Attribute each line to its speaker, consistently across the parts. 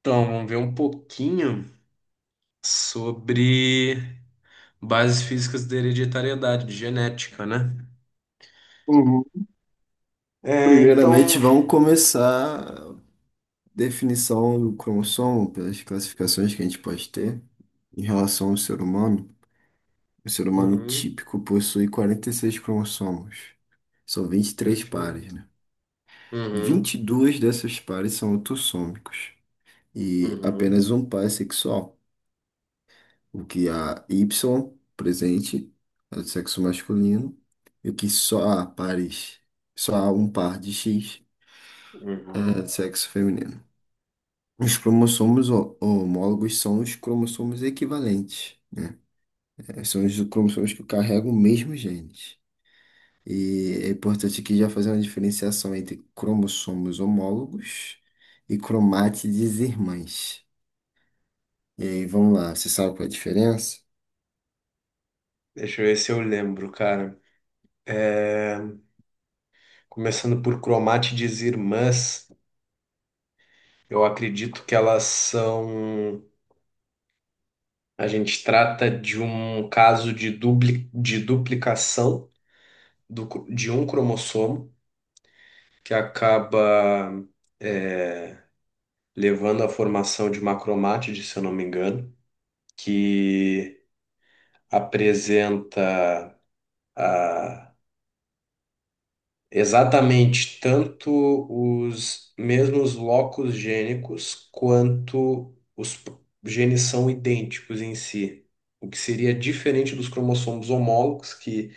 Speaker 1: Então, vamos ver um pouquinho sobre bases físicas da hereditariedade, de genética, né?
Speaker 2: Uhum.
Speaker 1: É, então.
Speaker 2: Primeiramente, vamos começar a definição do cromossomo pelas classificações que a gente pode ter em relação ao ser humano. O ser humano
Speaker 1: Uhum,
Speaker 2: típico possui 46 cromossomos, são 23 pares,
Speaker 1: perfeito.
Speaker 2: né?
Speaker 1: Uhum,
Speaker 2: 22 desses pares são autossômicos e
Speaker 1: uhum,
Speaker 2: apenas um par é sexual, o que há Y presente é do sexo masculino e o que só há pares, só há um par de X é do
Speaker 1: uhum.
Speaker 2: sexo feminino. Os cromossomos homólogos são os cromossomos equivalentes. São os cromossomos que carregam o mesmo gene. E é importante aqui já fazer uma diferenciação entre cromossomos homólogos e cromátides irmãs. E aí, vamos lá, você sabe qual é a diferença?
Speaker 1: Deixa eu ver se eu lembro, cara. É, Começando por cromátides irmãs, eu acredito que elas são. A gente trata de um caso de, duplicação de um cromossomo que acaba é, levando à formação de uma cromátide, se eu não me engano, que apresenta ah, exatamente tanto os mesmos locos gênicos quanto genes são idênticos em si. O que seria diferente dos cromossomos homólogos, que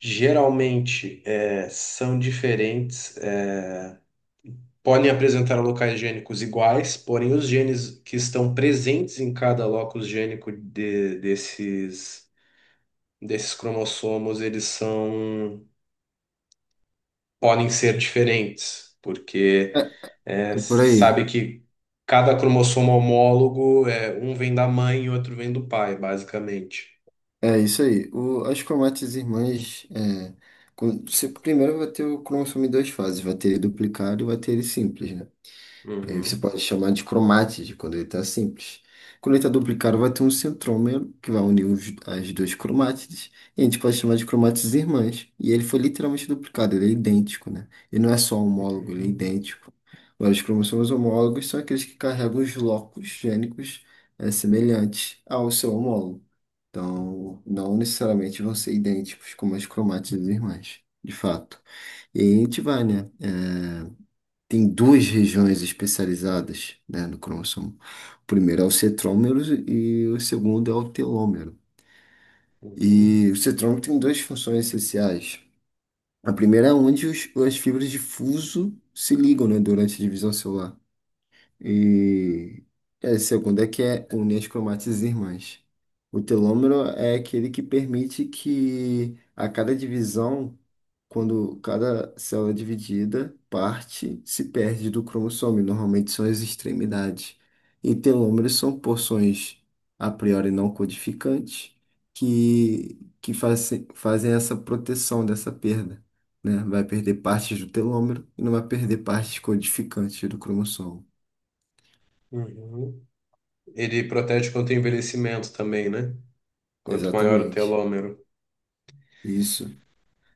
Speaker 1: geralmente são diferentes, podem apresentar locais gênicos iguais, porém os genes que estão presentes em cada locus gênico desses, desses cromossomos, eles são, podem ser diferentes, porque
Speaker 2: É,
Speaker 1: é,
Speaker 2: é por
Speaker 1: se sabe
Speaker 2: aí.
Speaker 1: que cada cromossomo homólogo, é, um vem da mãe e outro vem do pai, basicamente.
Speaker 2: É isso aí. O, as cromátides irmãs, você primeiro vai ter o cromossomo em duas fases, vai ter ele duplicado e vai ter ele simples, né? E aí você
Speaker 1: Uhum,
Speaker 2: pode chamar de cromática quando ele está simples. Quando ele está duplicado, vai ter um centrômero que vai unir as duas cromátides. E a gente pode chamar de cromátides irmãs. E ele foi literalmente duplicado, ele é idêntico, né? Ele não é só homólogo, ele é
Speaker 1: uhum,
Speaker 2: idêntico. Agora, os cromossomos homólogos são aqueles que carregam os locos gênicos semelhantes ao seu homólogo. Então, não necessariamente vão ser idênticos como as cromátides irmãs, de fato. E aí a gente vai, né? É, tem duas regiões especializadas, né, no cromossomo. O primeiro é o centrômero e o segundo é o telômero.
Speaker 1: uhum,
Speaker 2: E o centrômero tem duas funções essenciais. A primeira é onde as fibras de fuso se ligam, né, durante a divisão celular. E a segunda é que é une as cromátides irmãs. O telômero é aquele que permite que a cada divisão, quando cada célula é dividida, parte se perde do cromossomo, e normalmente são as extremidades. E telômeros são porções a priori não codificantes que fazem, fazem essa proteção dessa perda. Né? Vai perder partes do telômero e não vai perder partes codificantes do cromossomo.
Speaker 1: uhum. Ele protege contra o envelhecimento também, né? Quanto maior o
Speaker 2: Exatamente.
Speaker 1: telômero.
Speaker 2: Isso.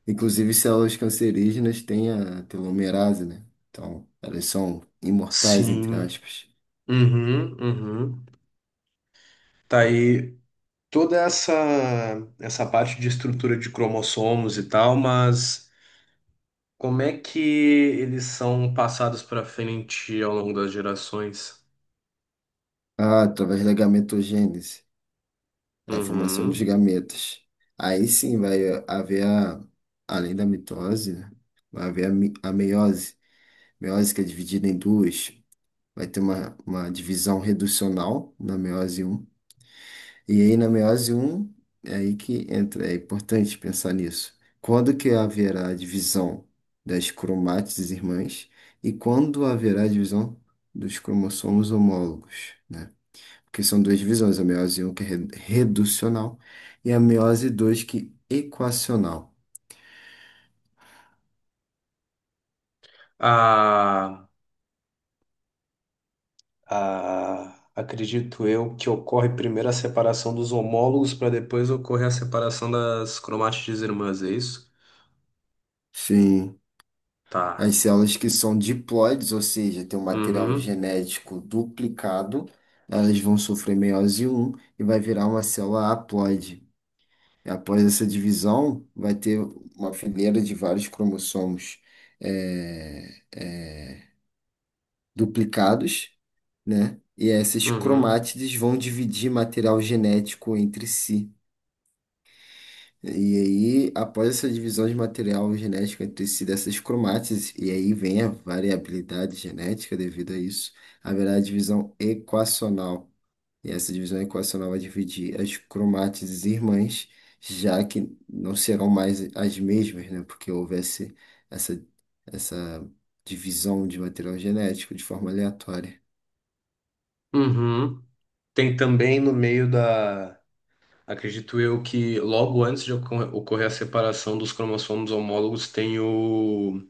Speaker 2: Inclusive, células cancerígenas têm a telomerase, né? Então, elas são imortais, entre
Speaker 1: Sim.
Speaker 2: aspas.
Speaker 1: Uhum, uhum. Tá aí toda essa parte de estrutura de cromossomos e tal, mas como é que eles são passados para frente ao longo das gerações?
Speaker 2: Ah, através da gametogênese, é a formação dos
Speaker 1: Uhum.
Speaker 2: gametas. Aí sim vai haver além da mitose, né? Vai haver a meiose. Meiose que é dividida em duas. Vai ter uma divisão reducional na meiose um. E aí, na meiose um é aí que entra, é importante pensar nisso. Quando que haverá a divisão das cromátides irmãs e quando haverá a divisão dos cromossomos homólogos, né? Porque são duas divisões, a meiose um que é reducional e a meiose 2 que é equacional.
Speaker 1: A, Acredito eu que ocorre primeiro a separação dos homólogos para depois ocorrer a separação das cromátides irmãs, é isso?
Speaker 2: Sim,
Speaker 1: Tá.
Speaker 2: as células que são diploides, ou seja, têm um material
Speaker 1: Uhum.
Speaker 2: genético duplicado, elas vão sofrer meiose um e vai virar uma célula haploide. Após essa divisão, vai ter uma fileira de vários cromossomos é, é, duplicados, né? E essas
Speaker 1: Uhum.
Speaker 2: cromátides vão dividir material genético entre si. E aí, após essa divisão de material genético entre si dessas cromátides, e aí vem a variabilidade genética devido a isso, haverá a divisão equacional. E essa divisão equacional vai dividir as cromátides irmãs, já que não serão mais as mesmas, né? Porque houvesse essa, essa divisão de material genético de forma aleatória.
Speaker 1: Uhum. Tem também no meio da. Acredito eu que logo antes de ocorrer a separação dos cromossomos homólogos tem o,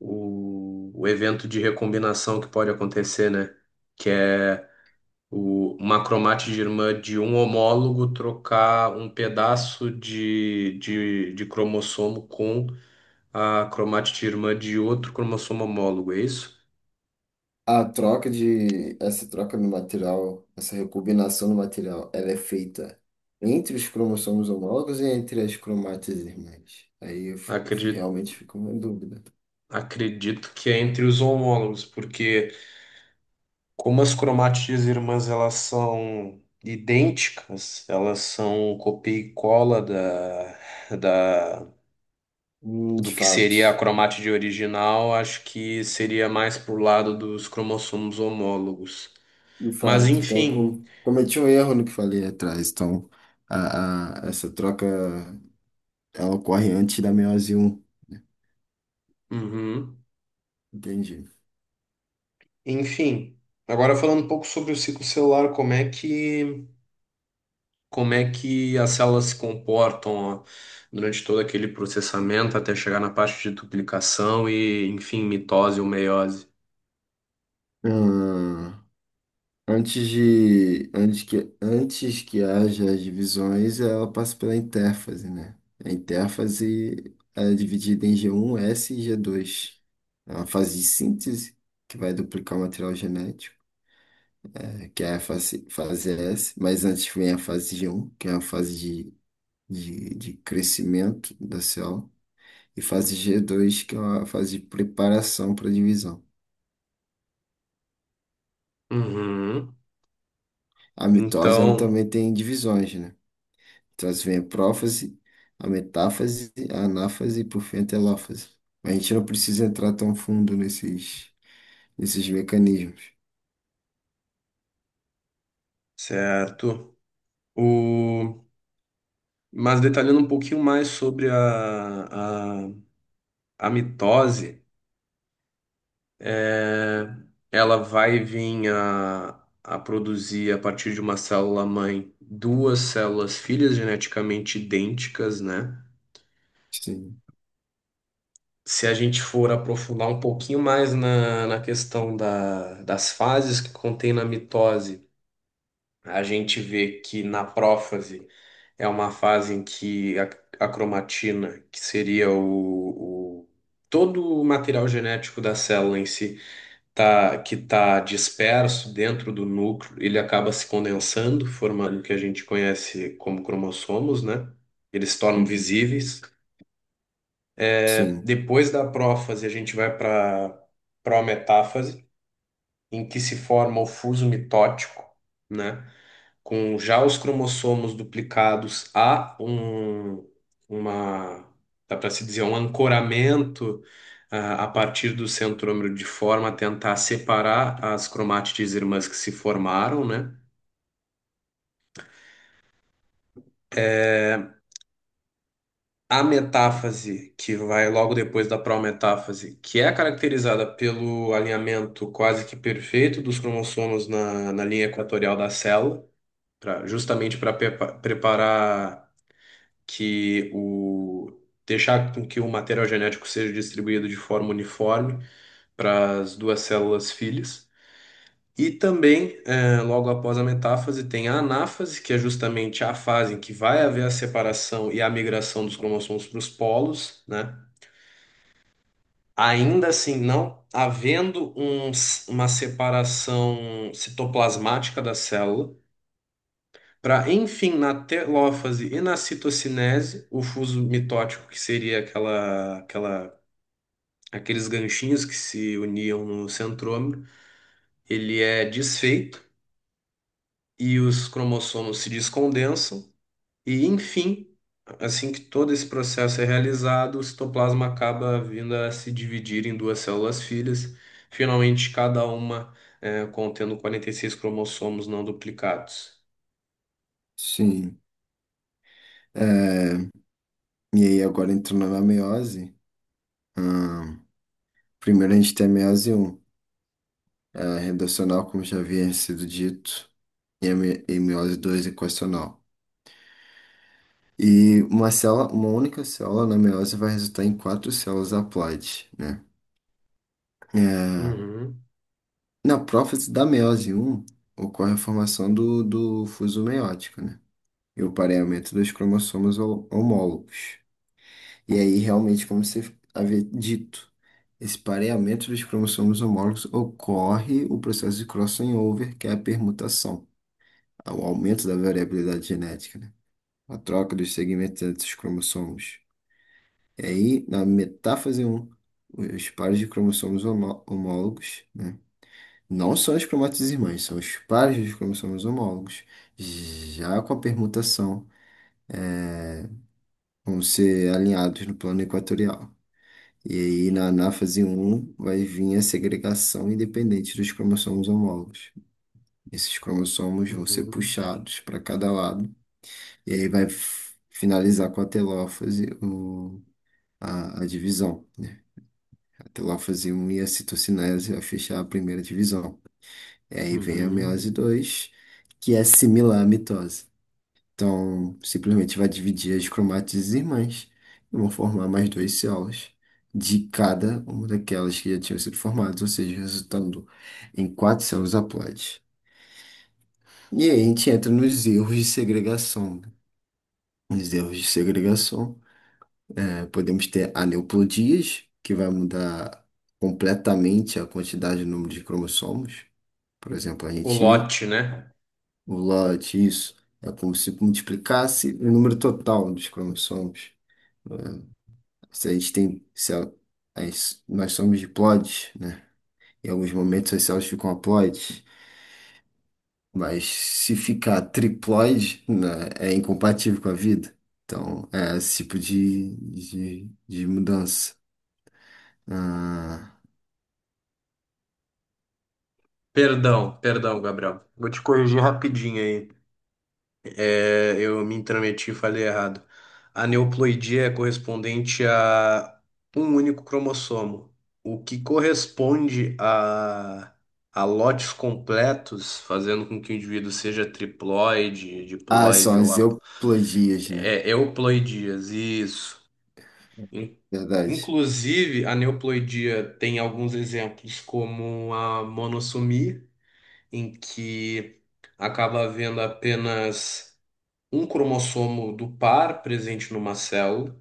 Speaker 1: o, o evento de recombinação que pode acontecer, né? Que é uma cromátide irmã de um homólogo trocar um pedaço de cromossomo com a cromátide irmã de outro cromossomo homólogo, é isso?
Speaker 2: A essa troca no material, essa recombinação do material, ela é feita entre os cromossomos homólogos e entre as cromátides irmãs. Aí eu
Speaker 1: Acredito,
Speaker 2: realmente fico em dúvida.
Speaker 1: Acredito que é entre os homólogos, porque. Como as cromatias irmãs elas são idênticas, elas são copia e cola da,
Speaker 2: De
Speaker 1: do que seria a
Speaker 2: fato.
Speaker 1: cromátide original, acho que seria mais pro lado dos cromossomos homólogos.
Speaker 2: De
Speaker 1: Mas
Speaker 2: fato, então eu
Speaker 1: enfim,
Speaker 2: cometi um erro no que falei atrás. Então, essa troca ela ocorre antes da meiose um.
Speaker 1: uhum,
Speaker 2: Entendi.
Speaker 1: enfim. Agora falando um pouco sobre o ciclo celular, como é que as células se comportam ó, durante todo aquele processamento até chegar na parte de duplicação e, enfim, mitose ou meiose.
Speaker 2: Ah, antes que haja as divisões, ela passa pela intérfase, né? A intérfase é dividida em g um, S e g dois. É uma fase de síntese que vai duplicar o material genético, eh, que é a fase, fase S, mas antes vem a fase G1, que é a fase de crescimento da célula, e fase G2, que é uma fase de preparação para divisão.
Speaker 1: Uhum.
Speaker 2: A mitose, ela
Speaker 1: Então,
Speaker 2: também tem divisões, né? Então, assim, vem a prófase, a metáfase, a anáfase e, por fim, a telófase. A gente não precisa entrar tão fundo nesses mecanismos.
Speaker 1: certo. O... Mas detalhando um pouquinho mais sobre a mitose, é, ela vai vir a produzir, a partir de uma célula-mãe, duas células filhas geneticamente idênticas, né?
Speaker 2: Sim.
Speaker 1: Se a gente for aprofundar um pouquinho mais na questão das fases que contém na mitose, a gente vê que na prófase é uma fase em que a cromatina, que seria todo o material genético da célula em si, tá, que está disperso dentro do núcleo, ele acaba se condensando, formando o que a gente conhece como cromossomos, né? Eles se tornam
Speaker 2: Uhum.
Speaker 1: visíveis.
Speaker 2: Sim,
Speaker 1: Depois da prófase, a gente vai para prometáfase, em que se forma o fuso mitótico, né? Com já os cromossomos duplicados, uma, dá para se dizer, um ancoramento a partir do centrômero de forma a tentar separar as cromátides irmãs que se formaram, né? É, A metáfase, que vai logo depois da prometáfase, que é caracterizada pelo alinhamento quase que perfeito dos cromossomos na linha equatorial da célula, justamente para preparar que o deixar com que o material genético seja distribuído de forma uniforme para as duas células filhas. E também, logo após a metáfase, tem a anáfase, que é justamente a fase em que vai haver a separação e a migração dos cromossomos para os polos, né? Ainda assim, não havendo uma separação citoplasmática da célula, para, enfim, na telófase e na citocinese, o fuso mitótico, que seria aqueles ganchinhos que se uniam no centrômero, ele é desfeito e os cromossomos se descondensam. E, enfim, assim que todo esse processo é realizado, o citoplasma acaba vindo a se dividir em duas células filhas, finalmente cada uma contendo 46 cromossomos não duplicados.
Speaker 2: sim. É, e aí, agora entrando na meiose, ah, primeiro a gente tem a meiose um. É, a redacional, como já havia sido dito. E a meiose 2 equacional. E uma célula, uma única célula na meiose vai resultar em quatro células haploides, né? É,
Speaker 1: Uhum,
Speaker 2: na prófase da meiose um ocorre a formação do fuso meiótico, né? E o pareamento dos cromossomos homólogos. E aí, realmente, como você havia dito, esse pareamento dos cromossomos homólogos ocorre o processo de crossover, que é a permutação, o aumento da variabilidade genética, né? A troca dos segmentos entre os cromossomos. E aí, na metáfase um os pares de cromossomos homólogos, né? Não são as cromátides irmãs, são os pares dos cromossomos homólogos, já com a permutação, vão ser alinhados no plano equatorial. E aí, na anáfase um vai vir a segregação independente dos cromossomos homólogos. Esses cromossomos vão ser
Speaker 1: uhum,
Speaker 2: puxados para cada lado, e aí vai finalizar com a telófase, a divisão. Que lá fazia um iacitocinese ao fechar a primeira divisão. E aí vem a
Speaker 1: uhum.
Speaker 2: meiose 2, que é similar à mitose. Então, simplesmente vai dividir as cromátides irmãs e vão formar mais duas células de cada uma daquelas que já tinham sido formadas, ou seja, resultando em quatro células haploides. E aí a gente entra nos erros de segregação, né? Nos erros de segregação, podemos ter aneuploidias, que vai mudar completamente a quantidade e o número de cromossomos. Por exemplo,
Speaker 1: O lote, né?
Speaker 2: o lote, isso, é como se multiplicasse o número total dos cromossomos. Se a gente tem, se a- as- nós somos diploides, né? Em alguns momentos as células ficam haploides, mas se ficar triploide, né, é incompatível com a vida. Então, é esse tipo de mudança. Ah,
Speaker 1: Perdão, Gabriel. Vou te corrigir rapidinho aí. É, eu me intrometi e falei errado. A neoploidia é correspondente a um único cromossomo. O que corresponde a lotes completos, fazendo com que o indivíduo seja triploide,
Speaker 2: ah, são
Speaker 1: diploide ou
Speaker 2: as euploidias, né?
Speaker 1: é, euploidias, isso. In-
Speaker 2: Verdade.
Speaker 1: Inclusive, a neoploidia tem alguns exemplos, como a monossomia em que acaba havendo apenas um cromossomo do par presente numa célula,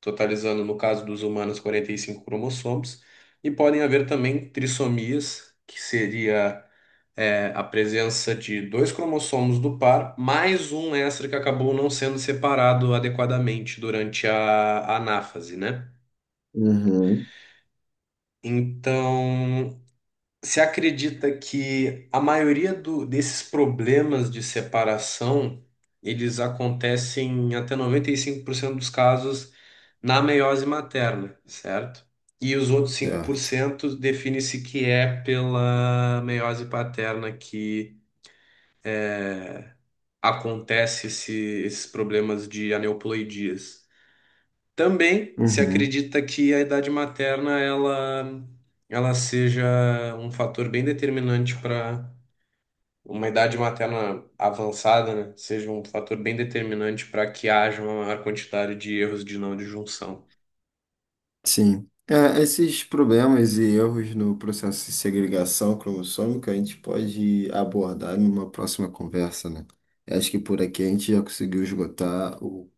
Speaker 1: totalizando, no caso dos humanos, 45 cromossomos, e podem haver também trissomias, que seria a presença de dois cromossomos do par, mais um extra que acabou não sendo separado adequadamente durante a anáfase, né?
Speaker 2: Uhum.
Speaker 1: Então, você acredita que a maioria desses problemas de separação, eles acontecem em até 95% dos casos na meiose materna, certo? E os outros cinco por
Speaker 2: Certo.
Speaker 1: cento define-se que é pela meiose paterna que acontece esses problemas de aneuploidias. Também se
Speaker 2: Uhum.
Speaker 1: acredita que a idade materna ela seja um fator bem determinante para uma idade materna avançada, né, seja um fator bem determinante para que haja uma maior quantidade de erros de não disjunção.
Speaker 2: Sim. É, esses problemas e erros no processo de segregação cromossômica a gente pode abordar numa próxima conversa, né? Eu acho que por aqui a gente já conseguiu esgotar o,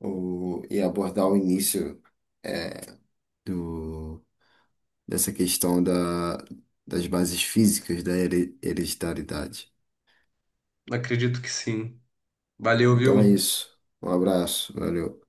Speaker 2: o, e abordar o início é, do, dessa questão das bases físicas da hereditariedade.
Speaker 1: Acredito que sim. Valeu,
Speaker 2: Então é
Speaker 1: viu?
Speaker 2: isso. Um abraço, valeu.